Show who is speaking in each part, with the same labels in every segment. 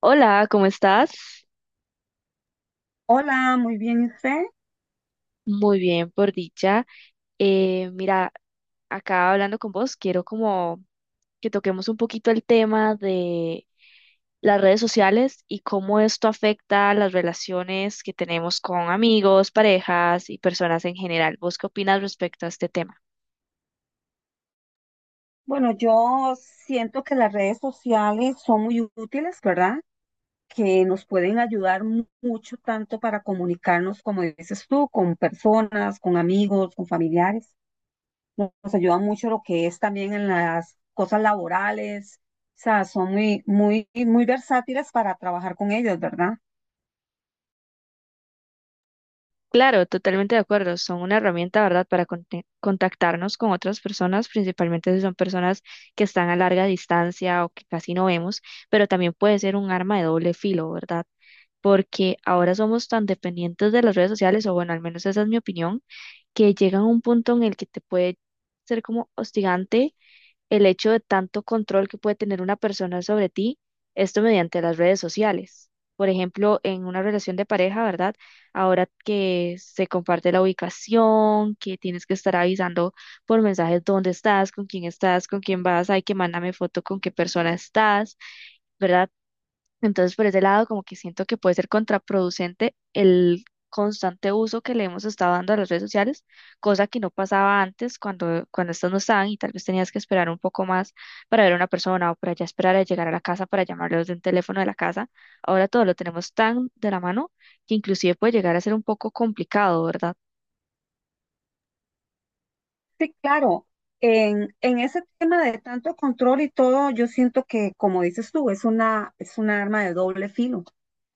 Speaker 1: Hola, ¿cómo estás?
Speaker 2: Hola, muy bien, ¿y usted?
Speaker 1: Muy bien, por dicha. Mira, acá hablando con vos, quiero como que toquemos un poquito el tema de las redes sociales y cómo esto afecta las relaciones que tenemos con amigos, parejas y personas en general. ¿Vos qué opinas respecto a este tema?
Speaker 2: Bueno, yo siento que las redes sociales son muy útiles, ¿verdad? Que nos pueden ayudar mucho tanto para comunicarnos, como dices tú, con personas, con amigos, con familiares. Nos ayuda mucho lo que es también en las cosas laborales. O sea, son muy, muy, muy versátiles para trabajar con ellos, ¿verdad?
Speaker 1: Claro, totalmente de acuerdo. Son una herramienta, ¿verdad?, para contactarnos con otras personas, principalmente si son personas que están a larga distancia o que casi no vemos, pero también puede ser un arma de doble filo, ¿verdad? Porque ahora somos tan dependientes de las redes sociales, o bueno, al menos esa es mi opinión, que llegan a un punto en el que te puede ser como hostigante el hecho de tanto control que puede tener una persona sobre ti, esto mediante las redes sociales. Por ejemplo, en una relación de pareja, ¿verdad? Ahora que se comparte la ubicación, que tienes que estar avisando por mensajes dónde estás, con quién vas, hay que mándame foto con qué persona estás. ¿Verdad? Entonces, por ese lado, como que siento que puede ser contraproducente el constante uso que le hemos estado dando a las redes sociales, cosa que no pasaba antes cuando estas no estaban y tal vez tenías que esperar un poco más para ver a una persona o para ya esperar a llegar a la casa para llamarlos de un teléfono de la casa. Ahora todo lo tenemos tan de la mano que inclusive puede llegar a ser un poco complicado, ¿verdad?
Speaker 2: Sí, claro. En ese tema de tanto control y todo, yo siento que, como dices tú, es una arma de doble filo,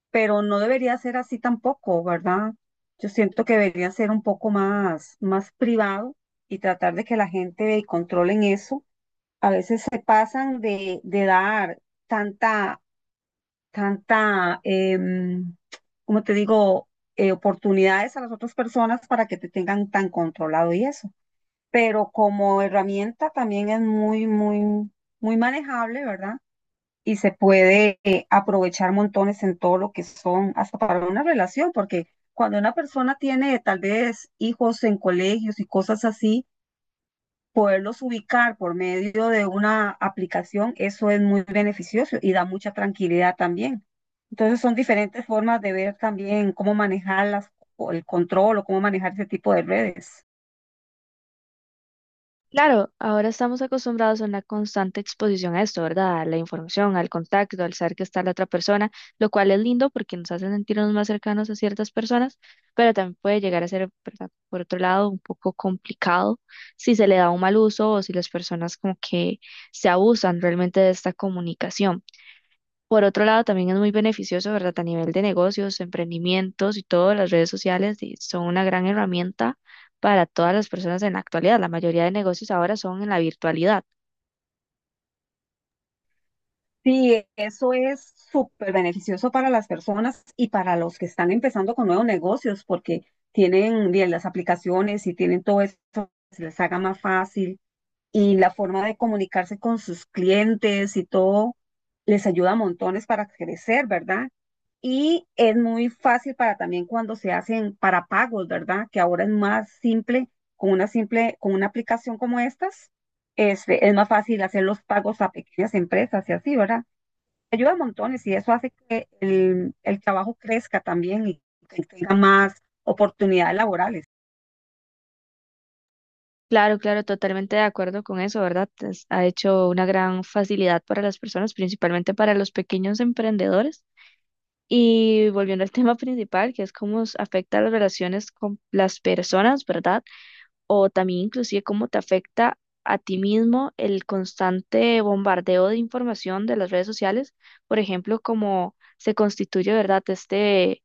Speaker 2: pero no debería ser así tampoco, ¿verdad? Yo siento que debería ser un poco más, más privado y tratar de que la gente controle en eso. A veces se pasan de dar tanta, tanta, como te digo, oportunidades a las otras personas para que te tengan tan controlado y eso. Pero como herramienta también es muy, muy, muy manejable, ¿verdad? Y se puede aprovechar montones en todo lo que son, hasta para una relación, porque cuando una persona tiene tal vez hijos en colegios y cosas así, poderlos ubicar por medio de una aplicación, eso es muy beneficioso y da mucha tranquilidad también. Entonces son diferentes formas de ver también cómo manejar las, o el control o cómo manejar ese tipo de redes.
Speaker 1: Claro, ahora estamos acostumbrados a una constante exposición a esto, ¿verdad? A la información, al contacto, al saber que está la otra persona, lo cual es lindo porque nos hace sentirnos más cercanos a ciertas personas, pero también puede llegar a ser, ¿verdad? Por otro lado, un poco complicado si se le da un mal uso o si las personas como que se abusan realmente de esta comunicación. Por otro lado, también es muy beneficioso, ¿verdad? A nivel de negocios, emprendimientos y todo, las redes sociales y son una gran herramienta para todas las personas en la actualidad. La mayoría de negocios ahora son en la virtualidad.
Speaker 2: Sí, eso es súper beneficioso para las personas y para los que están empezando con nuevos negocios, porque tienen bien las aplicaciones y tienen todo eso, se les haga más fácil y la forma de comunicarse con sus clientes y todo les ayuda a montones para crecer, ¿verdad? Y es muy fácil para también cuando se hacen para pagos, ¿verdad? Que ahora es más simple, con una aplicación como estas, este, es más fácil hacer los pagos a pequeñas empresas y así, ¿verdad? Ayuda montones y eso hace que el trabajo crezca también y que tenga más oportunidades laborales.
Speaker 1: Claro, claro, totalmente de acuerdo con eso, ¿verdad? Ha hecho una gran facilidad para las personas, principalmente para los pequeños emprendedores. Y volviendo al tema principal, que es cómo afecta las relaciones con las personas, ¿verdad? O también inclusive cómo te afecta a ti mismo el constante bombardeo de información de las redes sociales, por ejemplo, cómo se constituye, ¿verdad? Este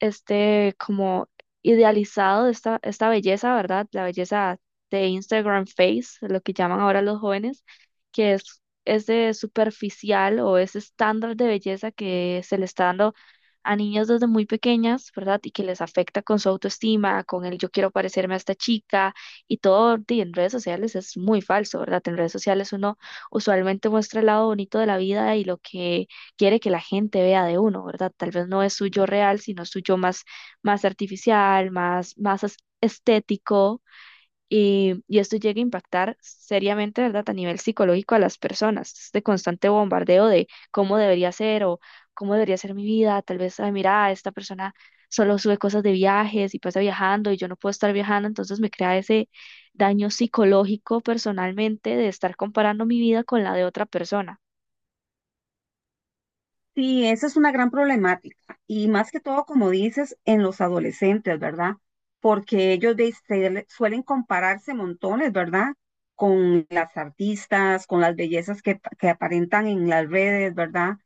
Speaker 1: este como idealizado esta belleza, ¿verdad? La belleza de Instagram Face, lo que llaman ahora los jóvenes, que es de superficial o ese estándar de belleza que se le está dando a niñas desde muy pequeñas, ¿verdad? Y que les afecta con su autoestima, con el yo quiero parecerme a esta chica y todo, y en redes sociales es muy falso, ¿verdad? En redes sociales uno usualmente muestra el lado bonito de la vida y lo que quiere que la gente vea de uno, ¿verdad? Tal vez no es su yo real, sino su yo más artificial, más estético. Y esto llega a impactar seriamente, ¿verdad?, a nivel psicológico a las personas. Este constante bombardeo de cómo debería ser o cómo debería ser mi vida. Tal vez, ay, mira, esta persona solo sube cosas de viajes y pasa viajando y yo no puedo estar viajando. Entonces me crea ese daño psicológico personalmente de estar comparando mi vida con la de otra persona.
Speaker 2: Sí, esa es una gran problemática y más que todo, como dices, en los adolescentes, ¿verdad? Porque ellos suelen compararse montones, ¿verdad? Con las artistas, con las bellezas que aparentan en las redes, ¿verdad?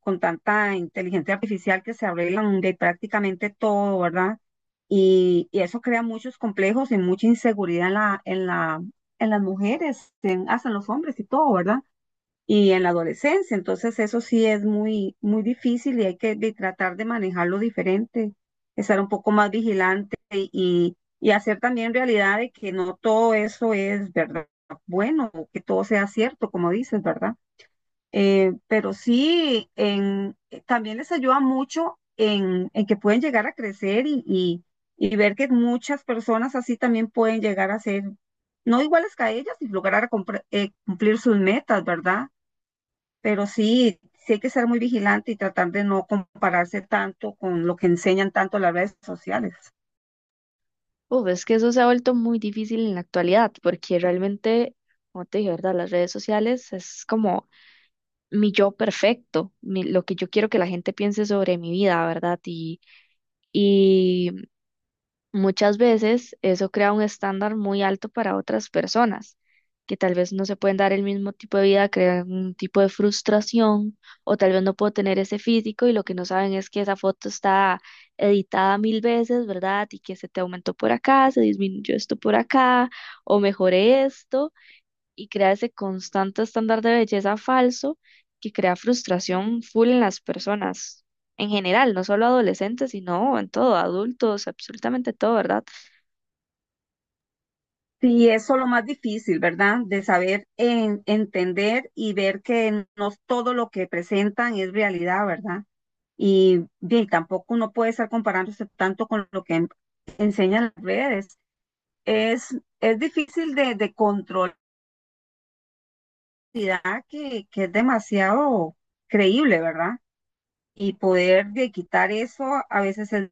Speaker 2: Con tanta inteligencia artificial que se arreglan de prácticamente todo, ¿verdad? Y eso crea muchos complejos y mucha inseguridad en las mujeres, en- hasta en los hombres y todo, ¿verdad? Y en la adolescencia, entonces eso sí es muy, muy difícil y hay que tratar de manejarlo diferente, estar un poco más vigilante y hacer también realidad de que no todo eso es verdad, bueno, que todo sea cierto, como dices, ¿verdad? Pero sí, también les ayuda mucho en que pueden llegar a crecer y ver que muchas personas así también pueden llegar a ser, no iguales que a ellas y lograr cumplir sus metas, ¿verdad? Pero sí, sí hay que ser muy vigilante y tratar de no compararse tanto con lo que enseñan tanto las redes sociales.
Speaker 1: Uf, es que eso se ha vuelto muy difícil en la actualidad, porque realmente, como te dije, ¿verdad? Las redes sociales es como mi yo perfecto, lo que yo quiero que la gente piense sobre mi vida, ¿verdad? Y, Muchas veces eso crea un estándar muy alto para otras personas, que tal vez no se pueden dar el mismo tipo de vida, crean un tipo de frustración, o tal vez no puedo tener ese físico y lo que no saben es que esa foto está editada mil veces, ¿verdad? Y que se te aumentó por acá, se disminuyó esto por acá, o mejoré esto, y crea ese constante estándar de belleza falso que crea frustración full en las personas. En general, no solo adolescentes, sino en todo, adultos, absolutamente todo, ¿verdad?
Speaker 2: Sí, eso es lo más difícil, ¿verdad? De saber entender y ver que no todo lo que presentan es realidad, ¿verdad? Y bien, tampoco uno puede estar comparándose tanto con lo que enseñan las redes. Es difícil de controlar que es demasiado creíble, ¿verdad? Y poder de quitar eso a veces es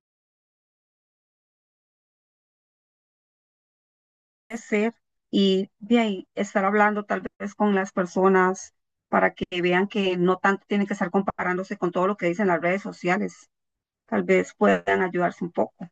Speaker 2: de ser y bien, estar hablando tal vez con las personas para que vean que no tanto tienen que estar comparándose con todo lo que dicen las redes sociales. Tal vez puedan ayudarse un poco.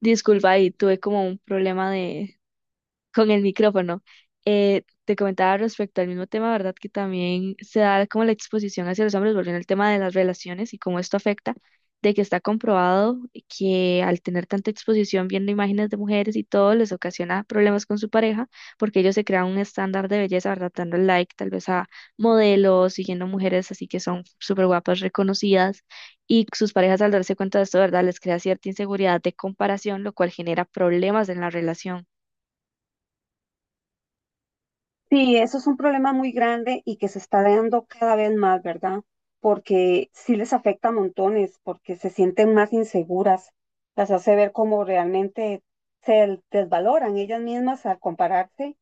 Speaker 1: Disculpa, ahí tuve como un problema de con el micrófono. Te comentaba respecto al mismo tema, ¿verdad? Que también se da como la exposición hacia los hombres, volviendo al tema de las relaciones y cómo esto afecta, de que está comprobado que al tener tanta exposición viendo imágenes de mujeres y todo, les ocasiona problemas con su pareja, porque ellos se crean un estándar de belleza, ¿verdad? Dando like tal vez a modelos, siguiendo mujeres así que son súper guapas, reconocidas, y sus parejas al darse cuenta de esto, ¿verdad? Les crea cierta inseguridad de comparación, lo cual genera problemas en la relación.
Speaker 2: Sí, eso es un problema muy grande y que se está dando cada vez más, ¿verdad? Porque sí les afecta a montones, porque se sienten más inseguras, las hace ver como realmente se desvaloran ellas mismas al compararse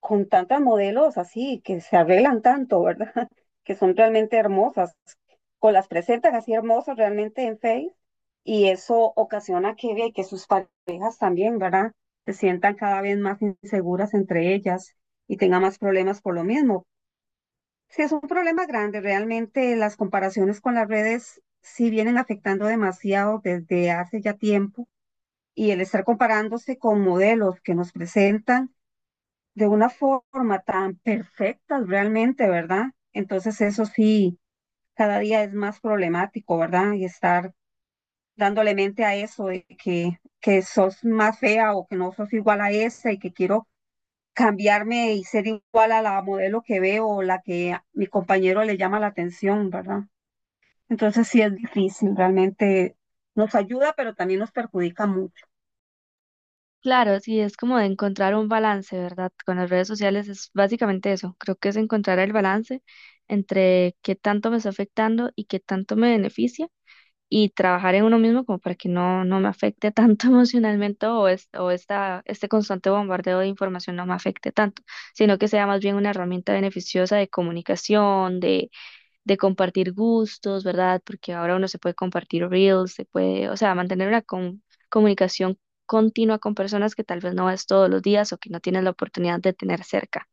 Speaker 2: con tantas modelos así, que se arreglan tanto, ¿verdad? Que son realmente hermosas, o las presentan así hermosas realmente en Face, y eso ocasiona que, ve que sus parejas también, ¿verdad? Se sientan cada vez más inseguras entre ellas y tengan más problemas por lo mismo. Sí, es un problema grande, realmente las comparaciones con las redes sí vienen afectando demasiado desde hace ya tiempo, y el estar comparándose con modelos que nos presentan de una forma tan perfecta realmente, ¿verdad? Entonces eso sí, cada día es más problemático, ¿verdad? Y estar dándole mente a eso que sos más fea o que no sos igual a esa y que quiero cambiarme y ser igual a la modelo que veo o la que a mi compañero le llama la atención, ¿verdad? Entonces sí es difícil, realmente nos ayuda, pero también nos perjudica mucho.
Speaker 1: Claro, sí, es como de encontrar un balance, ¿verdad? Con las redes sociales es básicamente eso. Creo que es encontrar el balance entre qué tanto me está afectando y qué tanto me beneficia y trabajar en uno mismo como para que no me afecte tanto emocionalmente o, o este constante bombardeo de información no me afecte tanto, sino que sea más bien una herramienta beneficiosa de comunicación, de compartir gustos, ¿verdad? Porque ahora uno se puede compartir reels, se puede, o sea, mantener una comunicación continua con personas que tal vez no ves todos los días o que no tienes la oportunidad de tener cerca.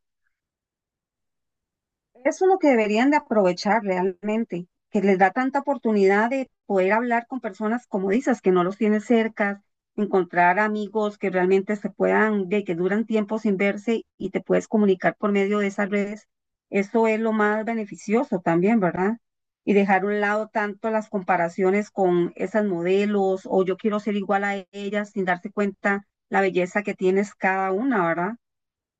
Speaker 2: Eso es lo que deberían de aprovechar realmente, que les da tanta oportunidad de poder hablar con personas, como dices, que no los tienes cerca, encontrar amigos que realmente se puedan, de que duran tiempo sin verse y te puedes comunicar por medio de esas redes. Eso es lo más beneficioso también, ¿verdad? Y dejar a un lado tanto las comparaciones con esas modelos o yo quiero ser igual a ellas sin darse cuenta la belleza que tienes cada una, ¿verdad?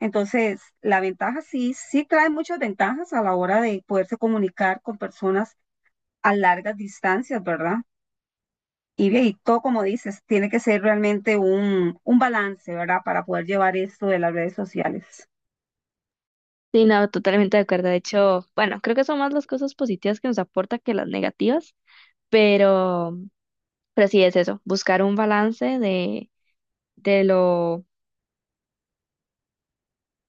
Speaker 2: Entonces, la ventaja sí, sí trae muchas ventajas a la hora de poderse comunicar con personas a largas distancias, ¿verdad? Y, bien, y todo como dices, tiene que ser realmente un balance, ¿verdad? Para poder llevar esto de las redes sociales.
Speaker 1: Sí, no, totalmente de acuerdo. De hecho, bueno, creo que son más las cosas positivas que nos aporta que las negativas, pero, pero sí es eso, buscar un balance de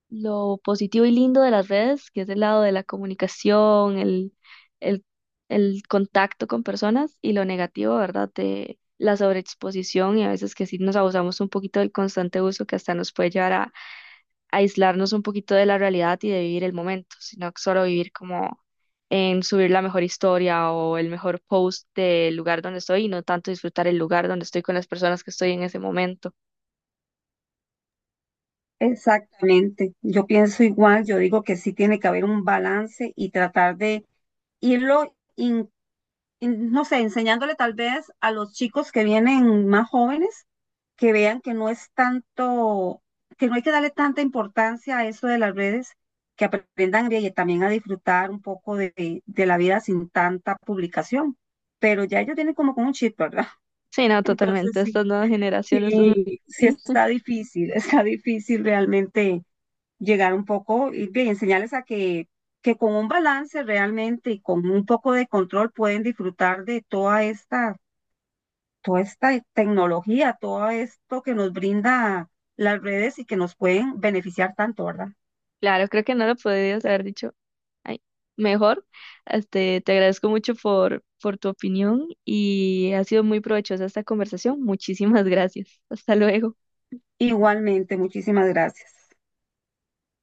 Speaker 1: lo positivo y lindo de las redes, que es el lado de la comunicación, el, el contacto con personas, y lo negativo, ¿verdad? De la sobreexposición y a veces que sí nos abusamos un poquito del constante uso que hasta nos puede llevar a, aislarnos un poquito de la realidad y de vivir el momento, sino solo vivir como en subir la mejor historia o el mejor post del lugar donde estoy y no tanto disfrutar el lugar donde estoy con las personas que estoy en ese momento.
Speaker 2: Exactamente, yo pienso igual, yo digo que sí tiene que haber un balance y tratar de irlo, no sé, enseñándole tal vez a los chicos que vienen más jóvenes que vean que no es tanto, que no hay que darle tanta importancia a eso de las redes, que aprendan y también a disfrutar un poco de la vida sin tanta publicación. Pero ya ellos tienen como con un chip, ¿verdad?
Speaker 1: Sí, no,
Speaker 2: Entonces
Speaker 1: totalmente.
Speaker 2: sí,
Speaker 1: Estas nuevas generaciones, estos.
Speaker 2: sí está difícil, está difícil realmente llegar un poco y bien, enseñarles a que con un balance realmente y con un poco de control pueden disfrutar de toda esta tecnología, todo esto que nos brinda las redes y que nos pueden beneficiar tanto, ¿verdad?
Speaker 1: Claro, creo que no lo podrías haber dicho ay, mejor. Este, te agradezco mucho por tu opinión y ha sido muy provechosa esta conversación. Muchísimas gracias. Hasta luego.
Speaker 2: Igualmente, muchísimas gracias.